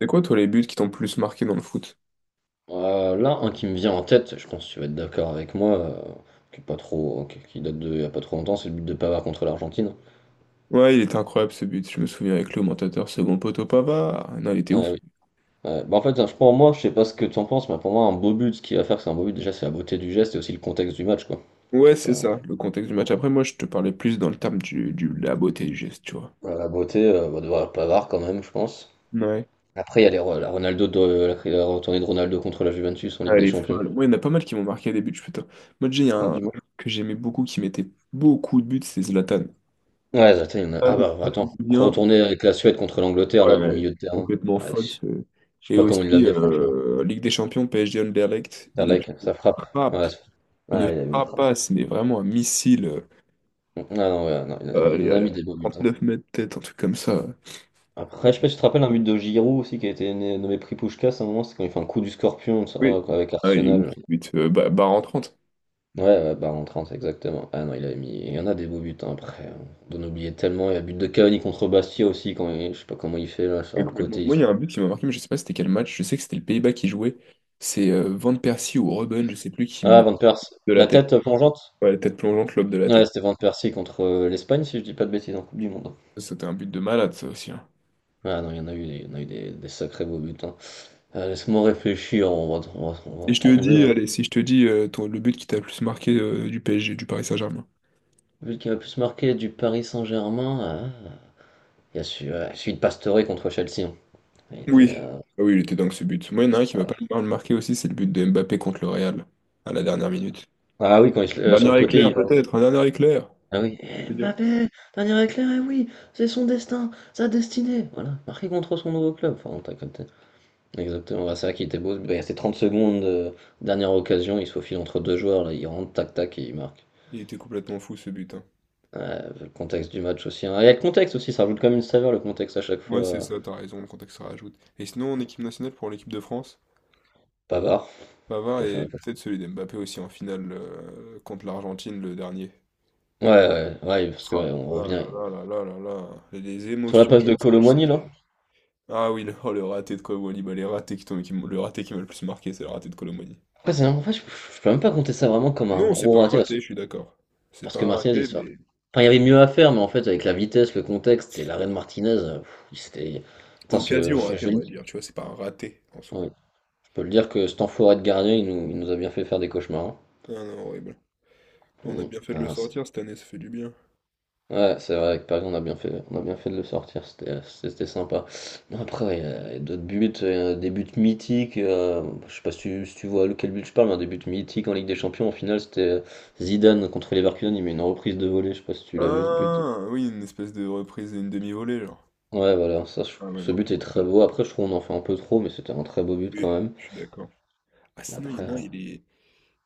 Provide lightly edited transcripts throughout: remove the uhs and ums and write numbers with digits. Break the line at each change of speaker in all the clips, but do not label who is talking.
C'est quoi, toi, les buts qui t'ont le plus marqué dans le foot?
Un qui me vient en tête, je pense que tu vas être d'accord avec moi, qui est pas trop, qui date de il y a pas trop longtemps, c'est le but de Pavard contre l'Argentine.
Ouais, il était incroyable ce but. Je me souviens avec l'augmentateur, second poteau Pavard. Non, il était ouf.
Ouais, oui. Ouais. Bah, en fait, je Pour moi, je sais pas ce que tu en penses, mais pour moi, un beau but, ce qu'il va faire, c'est un beau but. Déjà, c'est la beauté du geste et aussi le contexte du match, quoi. Je
Ouais,
sais
c'est
pas.
ça, le contexte du match. Après, moi, je te parlais plus dans le terme de la beauté du geste, tu vois.
Voilà. La beauté, va devoir Pavard quand même, je pense.
Ouais.
Après, il y a la Ronaldo de, la retournée de Ronaldo contre la Juventus en
Ah,
Ligue
elle
des
est
Champions.
folle. Moi, il y en a pas mal qui m'ont marqué à des buts. Putain. Moi, déjà, il y a
Oh,
un
dis-moi.
que j'aimais beaucoup qui mettait beaucoup de buts, c'est Zlatan.
Ouais, attends, il y en a- Ah
Zlatan,
bah
je sais
attends,
bien.
retourner avec la Suède contre l'Angleterre là du
Ouais,
milieu de terrain.
complètement
Ouais,
folle.
je sais
Et
pas comment il l'a
aussi,
mis, franchement.
Ligue des Champions, PSG Anderlecht,
Ah,
il
like,
la
ça frappe.
frappe.
Ouais, ça-
Une
Ah, il a mis une frappe.
frappasse, mais vraiment un missile. euh,
Ah non, ouais, non,
Euh,
il
allez,
en a
allez,
mis des beaux buts, hein.
9 mètres tête, un truc comme ça.
Après, je sais pas si tu te rappelles un but de Giroud aussi qui a été nommé prix Puskás à un moment, c'est quand il fait un coup du scorpion ça,
Oui.
avec
Ah, il est ouf,
Arsenal.
ce but. Bah, barre en 30.
Ouais, ouais, bah en 30 exactement. Ah non, il a mis. Il y en a des beaux buts hein, après, hein. D'en oublier tellement. Il y a le but de Cavani contre Bastia aussi, je sais pas comment il fait là,
Ouais,
sur le
complètement.
côté.
Moi, il y a un but qui m'a marqué, mais je sais pas c'était quel match. Je sais que c'était le Pays-Bas qui jouait. C'est Van Persie ou Robben, je sais plus, qui
Ah,
me
Van Persie.
de la
La
tête.
tête plongeante?
Ouais, la tête plongeante, lobe de la
Ouais,
tête.
c'était Van Persie contre l'Espagne, si je dis pas de bêtises, en Coupe du Monde, hein.
Ça, c'était un but de malade, ça aussi, hein.
Ah non, il y en a eu des sacrés beaux buts, hein. Laisse-moi réfléchir, on va
Et
en
je te
trouver,
dis,
hein.
allez, si je te dis le but qui t'a le plus marqué du PSG, du Paris Saint-Germain.
Celui qui m'a le plus marqué du Paris Saint-Germain, ah, il y a celui, ouais, celui de Pastore contre Chelsea, hein. Il était,
Oui. Ah oui, il était dingue ce but. Moi, il y en a un qui m'a pas
voilà.
mal marqué aussi, c'est le but de Mbappé contre le Real, à la dernière minute.
Ah oui, sur le
Dernier
côté, il
éclair,
va.
peut-être, un dernier éclair.
Ah oui. Eh, Mbappé, dernier éclair, eh oui, c'est son destin, sa destinée. Voilà, marqué contre son nouveau club. Enfin, t'as capté. Exactement, bah, c'est ça qui était beau. Bah, il restait 30 secondes, dernière occasion, il se faufile entre deux joueurs, là, il rentre, tac tac, et il marque.
Il était complètement fou ce but, hein.
Ouais, le contexte du match aussi, hein. Il y a le contexte aussi, ça rajoute quand même une saveur, le contexte à chaque fois.
Ouais, c'est ça, t'as raison, le contexte se rajoute. Et sinon, en équipe nationale pour l'équipe de France,
Pavard,
Pavard
je
et
sais pas.
peut-être celui d'Mbappé aussi en finale contre l'Argentine le dernier.
Ouais, ouais, ouais, parce que,
Ah
ouais, on
là là
revient
là là là là là. Les
sur la
émotions
passe de
durant ce match,
Colomboigny, là.
c'était. Ah oui, oh, le raté de Colomboigny, bah les ratés qui t'ont- qui m'ont- le raté qui m'a le plus marqué, c'est le raté de Colomboigny.
Après, c'est en fait, je peux même pas compter ça vraiment comme un
Non, c'est pas
gros
un
raté,
raté, je suis d'accord. C'est
parce
pas
que
un
Martinez, il
raté,
se
mais
Enfin, il y avait mieux à faire, mais en fait, avec la vitesse, le contexte et l'arrêt de Martinez, pff, il s'était... Putain,
occasion ratée,
je
on
le
va
dire,
dire. Tu vois, c'est pas un raté en soi.
ouais. Je peux le dire que cet enfoiré de gardien, il nous a bien fait faire des cauchemars,
Ah non, horrible. On a
hein.
bien fait
Mm.
de le
Enfin,
sortir cette année, ça fait du bien.
ouais, c'est vrai, avec Paris, on a bien fait de le sortir, c'était sympa. Non, après, il y a d'autres buts, des buts mythiques, je sais pas si si tu vois lequel but je parle, mais un des buts mythiques en Ligue des Champions, en finale, c'était Zidane contre Leverkusen, il met une reprise de volée, je sais pas si tu l'as vu ce but.
Ah, oui, une espèce de reprise et une demi-volée, genre.
Ouais, voilà, ça,
Ah ouais,
ce
non, je
but est
pense que
très
oui,
beau, après, je trouve qu'on en fait un peu trop, mais c'était un très beau but
oui,
quand même.
je suis d'accord. Ah, sinon, il y
Après,
en a un,
euh,
il est...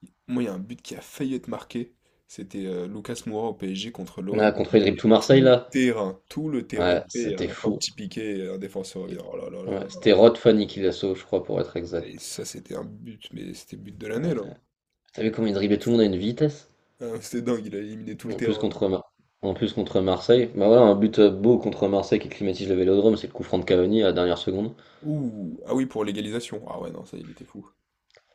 il- Moi, il y a un but qui a failli être marqué. C'était Lucas Moura au PSG contre
ah,
l'OM.
contre
Il
il dribble
fait
tout Marseille, là,
tout le terrain,
ouais,
il fait, et à
c'était
la fin,
fou.
petit piqué, et un défenseur revient.
Et-
Oh là là là
Ouais,
là.
c'était Rod Fanny qui l'a sauvé, je crois, pour être
Et
exact.
ça, c'était un but, mais c'était but de l'année, là.
T'as vu comment il driblait tout le monde à une vitesse?
Ah, c'était dingue, il a éliminé tout le
En plus
terrain.
contre Mar- En plus contre Marseille. Bah voilà, un but beau contre Marseille qui climatise le Vélodrome, c'est le coup franc de Cavani à la dernière seconde.
Ouh, ah oui, pour l'égalisation. Ah ouais, non, ça, il était fou.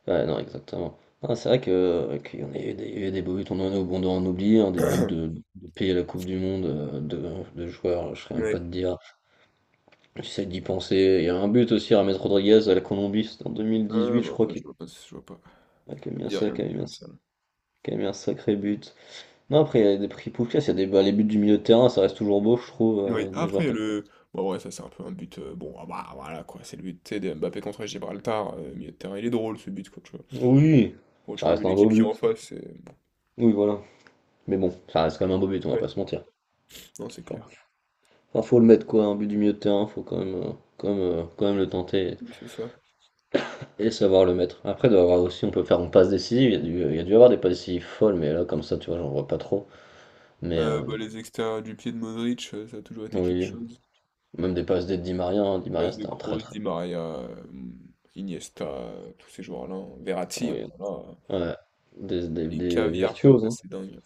Ouais, non, exactement. Ah, c'est vrai que qu'il y en a eu des, il y a eu des beaux buts, on en a bon d'en oublier, hein, des buts de payer la Coupe du Monde de joueurs, je serais même pas
Ouais.
de dire. J'essaie d'y penser. Il y a un but aussi, James Rodriguez à la Colombie, c'était en
Ah
2018, je
non,
crois
ça,
qu'il
je vois pas, je vois pas.
ouais,
Ça me dit rien,
qu'il a
dit
mis
comme ça, là.
qu'il a mis un sacré but. Non, après, il y a des prix Puskás, il y a des, bah, les buts du milieu de terrain, ça reste toujours beau, je trouve,
Oui,
des joueurs.
après, le. Bon, ouais, ça, c'est un peu un but. Bon, ah bah voilà, quoi. C'est le but, tu sais, de Mbappé contre Gibraltar. Milieu de terrain, il est drôle, ce but, quoi. Tu vois,
Oui,
bon, tu
ça
vois, vu
reste un beau
l'équipe qui est en
but.
face, c'est.
Oui, voilà. Mais bon, ça reste quand même un beau but, on va pas
Ouais,
se mentir.
non, c'est
Enfin,
clair.
enfin, faut le mettre quoi, un but du milieu de terrain, faut quand même, quand même le tenter
Oui, c'est ça.
et savoir le mettre. Après, il doit y avoir aussi, on peut faire une passe décisive, il y a dû y avoir des passes décisives folles, mais là, comme ça, tu vois, j'en vois pas trop. Mais
Bah, les extérieurs du pied de Modric, ça a toujours été quelque
oui,
chose.
même des passes des Di Maria, hein. Di
Les
Maria
passes de
c'était un très
Kroos,
très.
Di Maria, Iniesta, tous ces joueurs-là, hein. Verratti, oh
Oui,
là là.
ouais,
Les
des
caviars comme
virtuoses,
ça,
hein.
c'est dingue.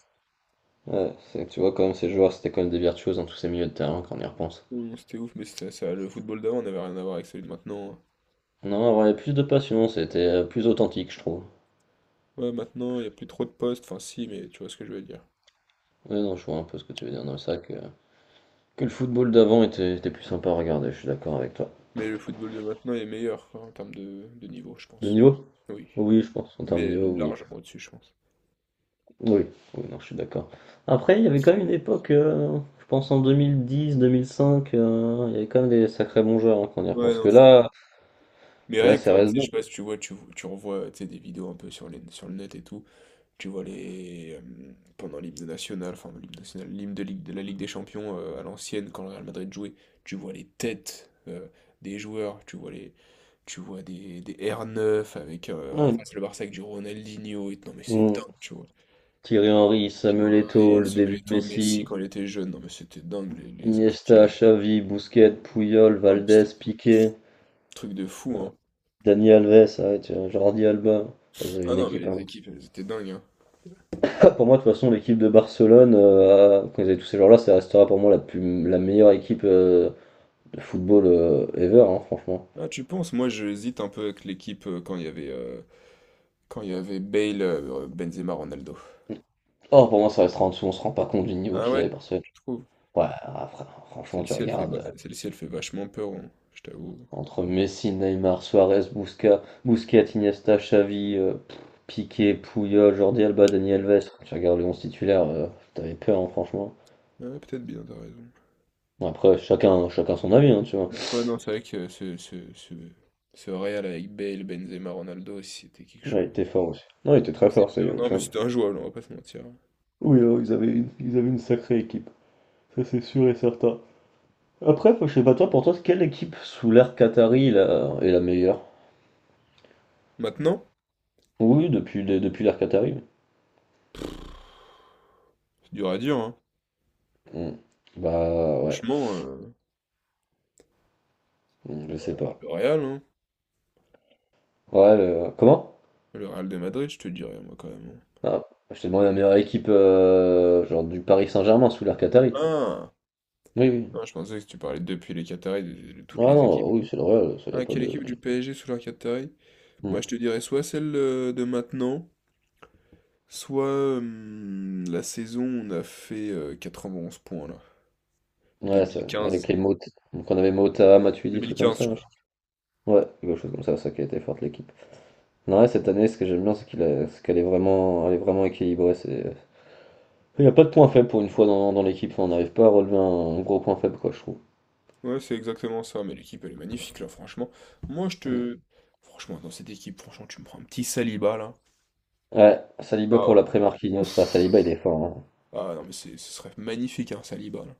Ouais, c'est que tu vois, quand même, ces joueurs, c'était quand même des virtuoses dans tous ces milieux de terrain quand on y repense.
Oh non, c'était ouf, mais c'était ça, le football d'avant n'avait rien à voir avec celui de maintenant, hein.
Non, avoir plus de passion, c'était plus authentique, je trouve.
Ouais, maintenant, il n'y a plus trop de postes. Enfin, si, mais tu vois ce que je veux dire.
Ouais, non, je vois un peu ce que tu veux dire. Non, c'est vrai que le football d'avant était plus sympa à regarder, je suis d'accord avec toi.
Mais le football de maintenant est meilleur quoi, en termes de niveau, je
De
pense.
niveau?
Oui,
Oui, je pense. En termes de
mais
niveau, oui.
largement au-dessus, je pense.
Oui, oui, non, je suis d'accord. Après, il y avait quand même une époque, je pense en 2010, 2005, il y avait quand même des sacrés bons joueurs, hein, quand on y
Ouais,
repense.
non,
Que là,
mais
là,
rien
ça
que, tu
reste
sais, je
bon.
sais pas si tu vois, tu revois tu sais, des vidéos un peu sur le net et tout, tu vois les. Pendant l'hymne national, enfin l'hymne national, l'hymne de la Ligue des Champions à l'ancienne, quand le Real Madrid jouait, tu vois les têtes des joueurs, tu vois des R9 avec en
Ouais.
face le Barça avec du Ronaldinho et non mais c'est
Mm.
dingue, tu vois.
Thierry Henry,
Puis,
Samuel Eto'o,
et
le
ce
début de
Benito Messi
Messi,
quand il était jeune, non mais c'était dingue les équipes qu'il y
Iniesta,
avait.
Xavi, Busquets, Puyol,
Non, mais
Valdés,
c'était des
Piqué,
trucs de fou, hein.
Dani Alves, ah ouais, tiens, Jordi Alba. Vous avez
Ah
une
non, mais
équipe
les
hein.
équipes, elles étaient dingues, hein.
Pour moi, de toute façon, l'équipe de Barcelone, quand ils avaient tous ces joueurs-là, ça restera pour moi la meilleure équipe de football ever, hein, franchement.
Ah, tu penses? Moi, j'hésite un peu avec l'équipe quand il y avait Bale, Benzema, Ronaldo.
Or, pour moi, ça restera en dessous, on se rend pas compte du niveau
Ah
qu'ils
ouais,
avaient Barcelone.
tu trouves?
Ouais, ah, franchement, tu
Celle-ci, elle fait,
regardes
ba- celle-ci, elle fait vachement peur, hein, je t'avoue.
entre Messi, Neymar, Suarez, Busquets, Iniesta, Xavi, pff, Piqué, Puyol, Jordi Alba, Dani Alves. Quand tu regardes les 11 titulaire, t'avais peur, hein, franchement.
Ah ouais, peut-être bien, t'as raison.
Bon, après, chacun, chacun son avis, hein, tu vois.
Le problème, non, c'est vrai que ce Real avec Bale, Benzema, Ronaldo, c'était quelque
Ouais,
chose.
il était fort aussi. Non, il était
Ça
très
faisait
fort, ça y a
peur. Non, mais
aucun.
c'était injouable, on va pas se mentir, hein.
Oui, ils avaient une sacrée équipe. Ça, c'est sûr et certain. Après, je sais pas toi, pour toi, quelle équipe sous l'ère Qatari là, est la meilleure?
Maintenant,
Oui, depuis, depuis l'ère Qatari.
c'est dur à dire, hein.
Hmm. Bah ouais.
Franchement,
Hmm, je sais
ouais,
pas.
le Real, hein.
Ouais, comment?
Le Real de Madrid, je te dirais, moi, quand même, hein.
Ah, je t'ai demandé la meilleure équipe genre du Paris Saint-Germain sous l'ère Qatari.
Ah,
Oui, oui.
Ah, je pensais que tu parlais depuis les Qataris, de toutes
Ah
les équipes.
non, oui, c'est le Real, ça y a
Ah,
pas
quelle
de.
équipe du PSG sous leur Qataris? Moi,
Hmm.
je te dirais soit celle de maintenant, soit la saison où on a fait 91 points, là.
Ouais, ça, ouais,
2015.
avec les mots. Donc on avait Mota, Matuidi, trucs comme
2015,
ça,
je
là,
crois.
crois. Ouais, quelque chose comme ça qui a été forte l'équipe. Non, ouais, cette année, ce que j'aime bien, c'est qu'elle est vraiment, elle est vraiment équilibrée. C'est… Il n'y a pas de point faible pour une fois dans l'équipe. Enfin, on n'arrive pas à relever un gros point faible, quoi, je trouve.
Ouais, c'est exactement ça, mais l'équipe, elle est magnifique, là, franchement. Moi, je
Mm.
te... Franchement, dans cette équipe, franchement, tu me prends un petit Saliba, là.
Ouais, Saliba
Ah ouais.
pour l'après Marquinhos. Ah,
Ouf.
Saliba, il est fort, hein.
Ah non, mais ce serait magnifique, hein, Saliba, là.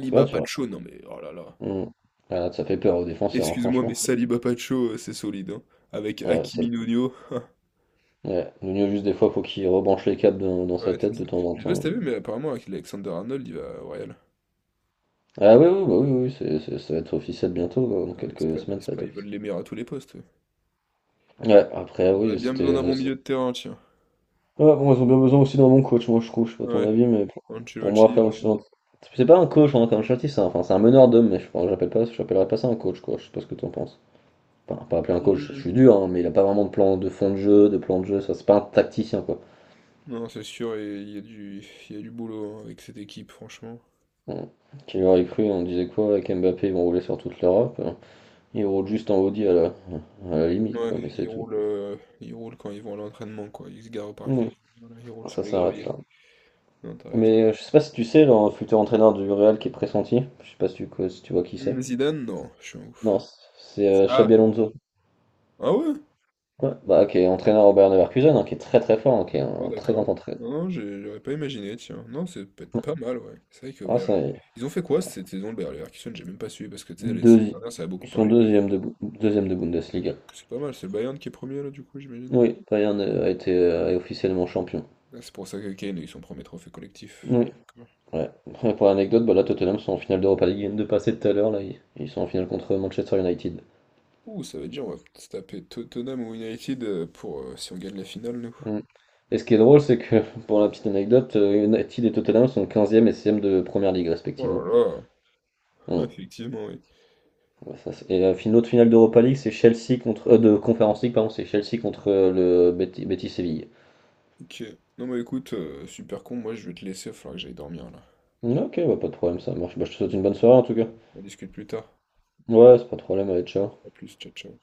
Parce que là, tu vois.
Pacho, non mais oh là là.
Mm. Ah, là, ça fait peur aux défenseurs, hein,
Excuse-moi,
franchement.
mais Saliba Pacho, c'est solide, hein. Avec
Ouais, ça...
Hakimi Nuno.
ouais. Nuno, juste des fois, faut qu'il rebranche les câbles dans sa
Ouais, c'est
tête de
ça.
temps en
Je sais pas si
temps.
t'as vu, mais apparemment, avec Alexander Arnold, il va au Real.
Ah oui, oui, bah oui, oui, oui, ça va être officiel bientôt, quoi. Dans
Ah ouais,
quelques semaines, ça va être
ils veulent
officiel.
les meilleurs à tous les postes.
Ouais, après,
Ils auraient
oui,
bien besoin
c'était.
d'un bon milieu de terrain, tiens.
Ouais, bon, ils ont bien besoin aussi d'un bon coach, moi je trouve, je sais pas ton
Ouais,
avis, mais pour moi,
Ancelotti.
après Ancelotti, c'est pas un coach, hein, Rafael Ancelotti, c'est un, enfin, c'est un meneur d'hommes, mais j'appelle pas, j'appellerais pas ça un coach, quoi, je sais pas ce que t'en penses. Enfin, pas appeler un coach, je
Mhm.
suis dur, hein, mais il a pas vraiment de plan de fond de jeu, de plan de jeu, ça, c'est pas un tacticien, quoi.
Non, c'est sûr, et il y a du boulot hein, avec cette équipe, franchement.
Bon, qui aurait cru, on disait quoi, avec Mbappé, ils vont rouler sur toute l'Europe, hein. Ils roulent juste en Audi à la limite,
Ouais,
quoi, mais c'est
ils
tout.
roulent, euh, ils roulent quand ils vont à l'entraînement, quoi. Ils se garent au parking.
Oui,
Voilà, ils roulent sur
ça
les
s'arrête
graviers.
là.
Non, t'as raison.
Mais je sais pas si tu sais, le futur entraîneur du Real qui est pressenti, je sais pas si si tu vois qui c'est.
Mmh, Zidane, non, je suis un
Non,
ouf.
c'est Xabi
Ah,
Alonso.
Ah ouais?
Ouais. Bah, qui est entraîneur au Bayern Leverkusen, hein, qui est très très fort, hein, qui est
D'accord,
un très grand
d'accord.
entraîneur.
Non, non, j'aurais pas imaginé, tiens. Non, c'est peut-être pas mal, ouais. C'est vrai que
Ah,
Bayer...
ça y est.
Ils ont fait quoi cette saison, le Bayer Leverkusen? J'ai même pas suivi parce que tu sais, les saisons
Deuxi-
dernières, ça a beaucoup
Ils sont
parlé d'eux.
deuxième de, deuxième de Bundesliga.
C'est pas mal, c'est le Bayern qui est premier là, du coup, j'imagine.
Oui, Bayern a été est officiellement champion.
Ah, c'est pour ça que Kane a eu son premier trophée collectif.
Oui,
D'accord.
ouais. Et pour l'anecdote, bah, là, Tottenham sont en finale d'Europa League. Ils viennent de passer tout à l'heure, là. Ils sont en finale contre Manchester United.
Ouh, ça veut dire on va se taper Tottenham ou United pour si on gagne la finale, nous.
Mm. Et ce qui est drôle, c'est que, pour la petite anecdote, United et Tottenham sont quinzième et 16 de Première Ligue,
Oh
respectivement.
là là,
Mm.
effectivement, oui.
Ouais, ça, et l'autre finale d'Europa League, c'est Chelsea contre de Conference League, pardon, c'est Chelsea contre le Betis Betis Séville.
Ok. Non, bah écoute, super con, moi je vais te laisser, il va falloir que j'aille dormir là.
Ok, bah, pas de problème, ça marche. Bah, je te souhaite une bonne soirée en tout cas.
On discute plus tard.
Ouais, c'est pas de problème, allez, ciao.
À plus, ciao, ciao.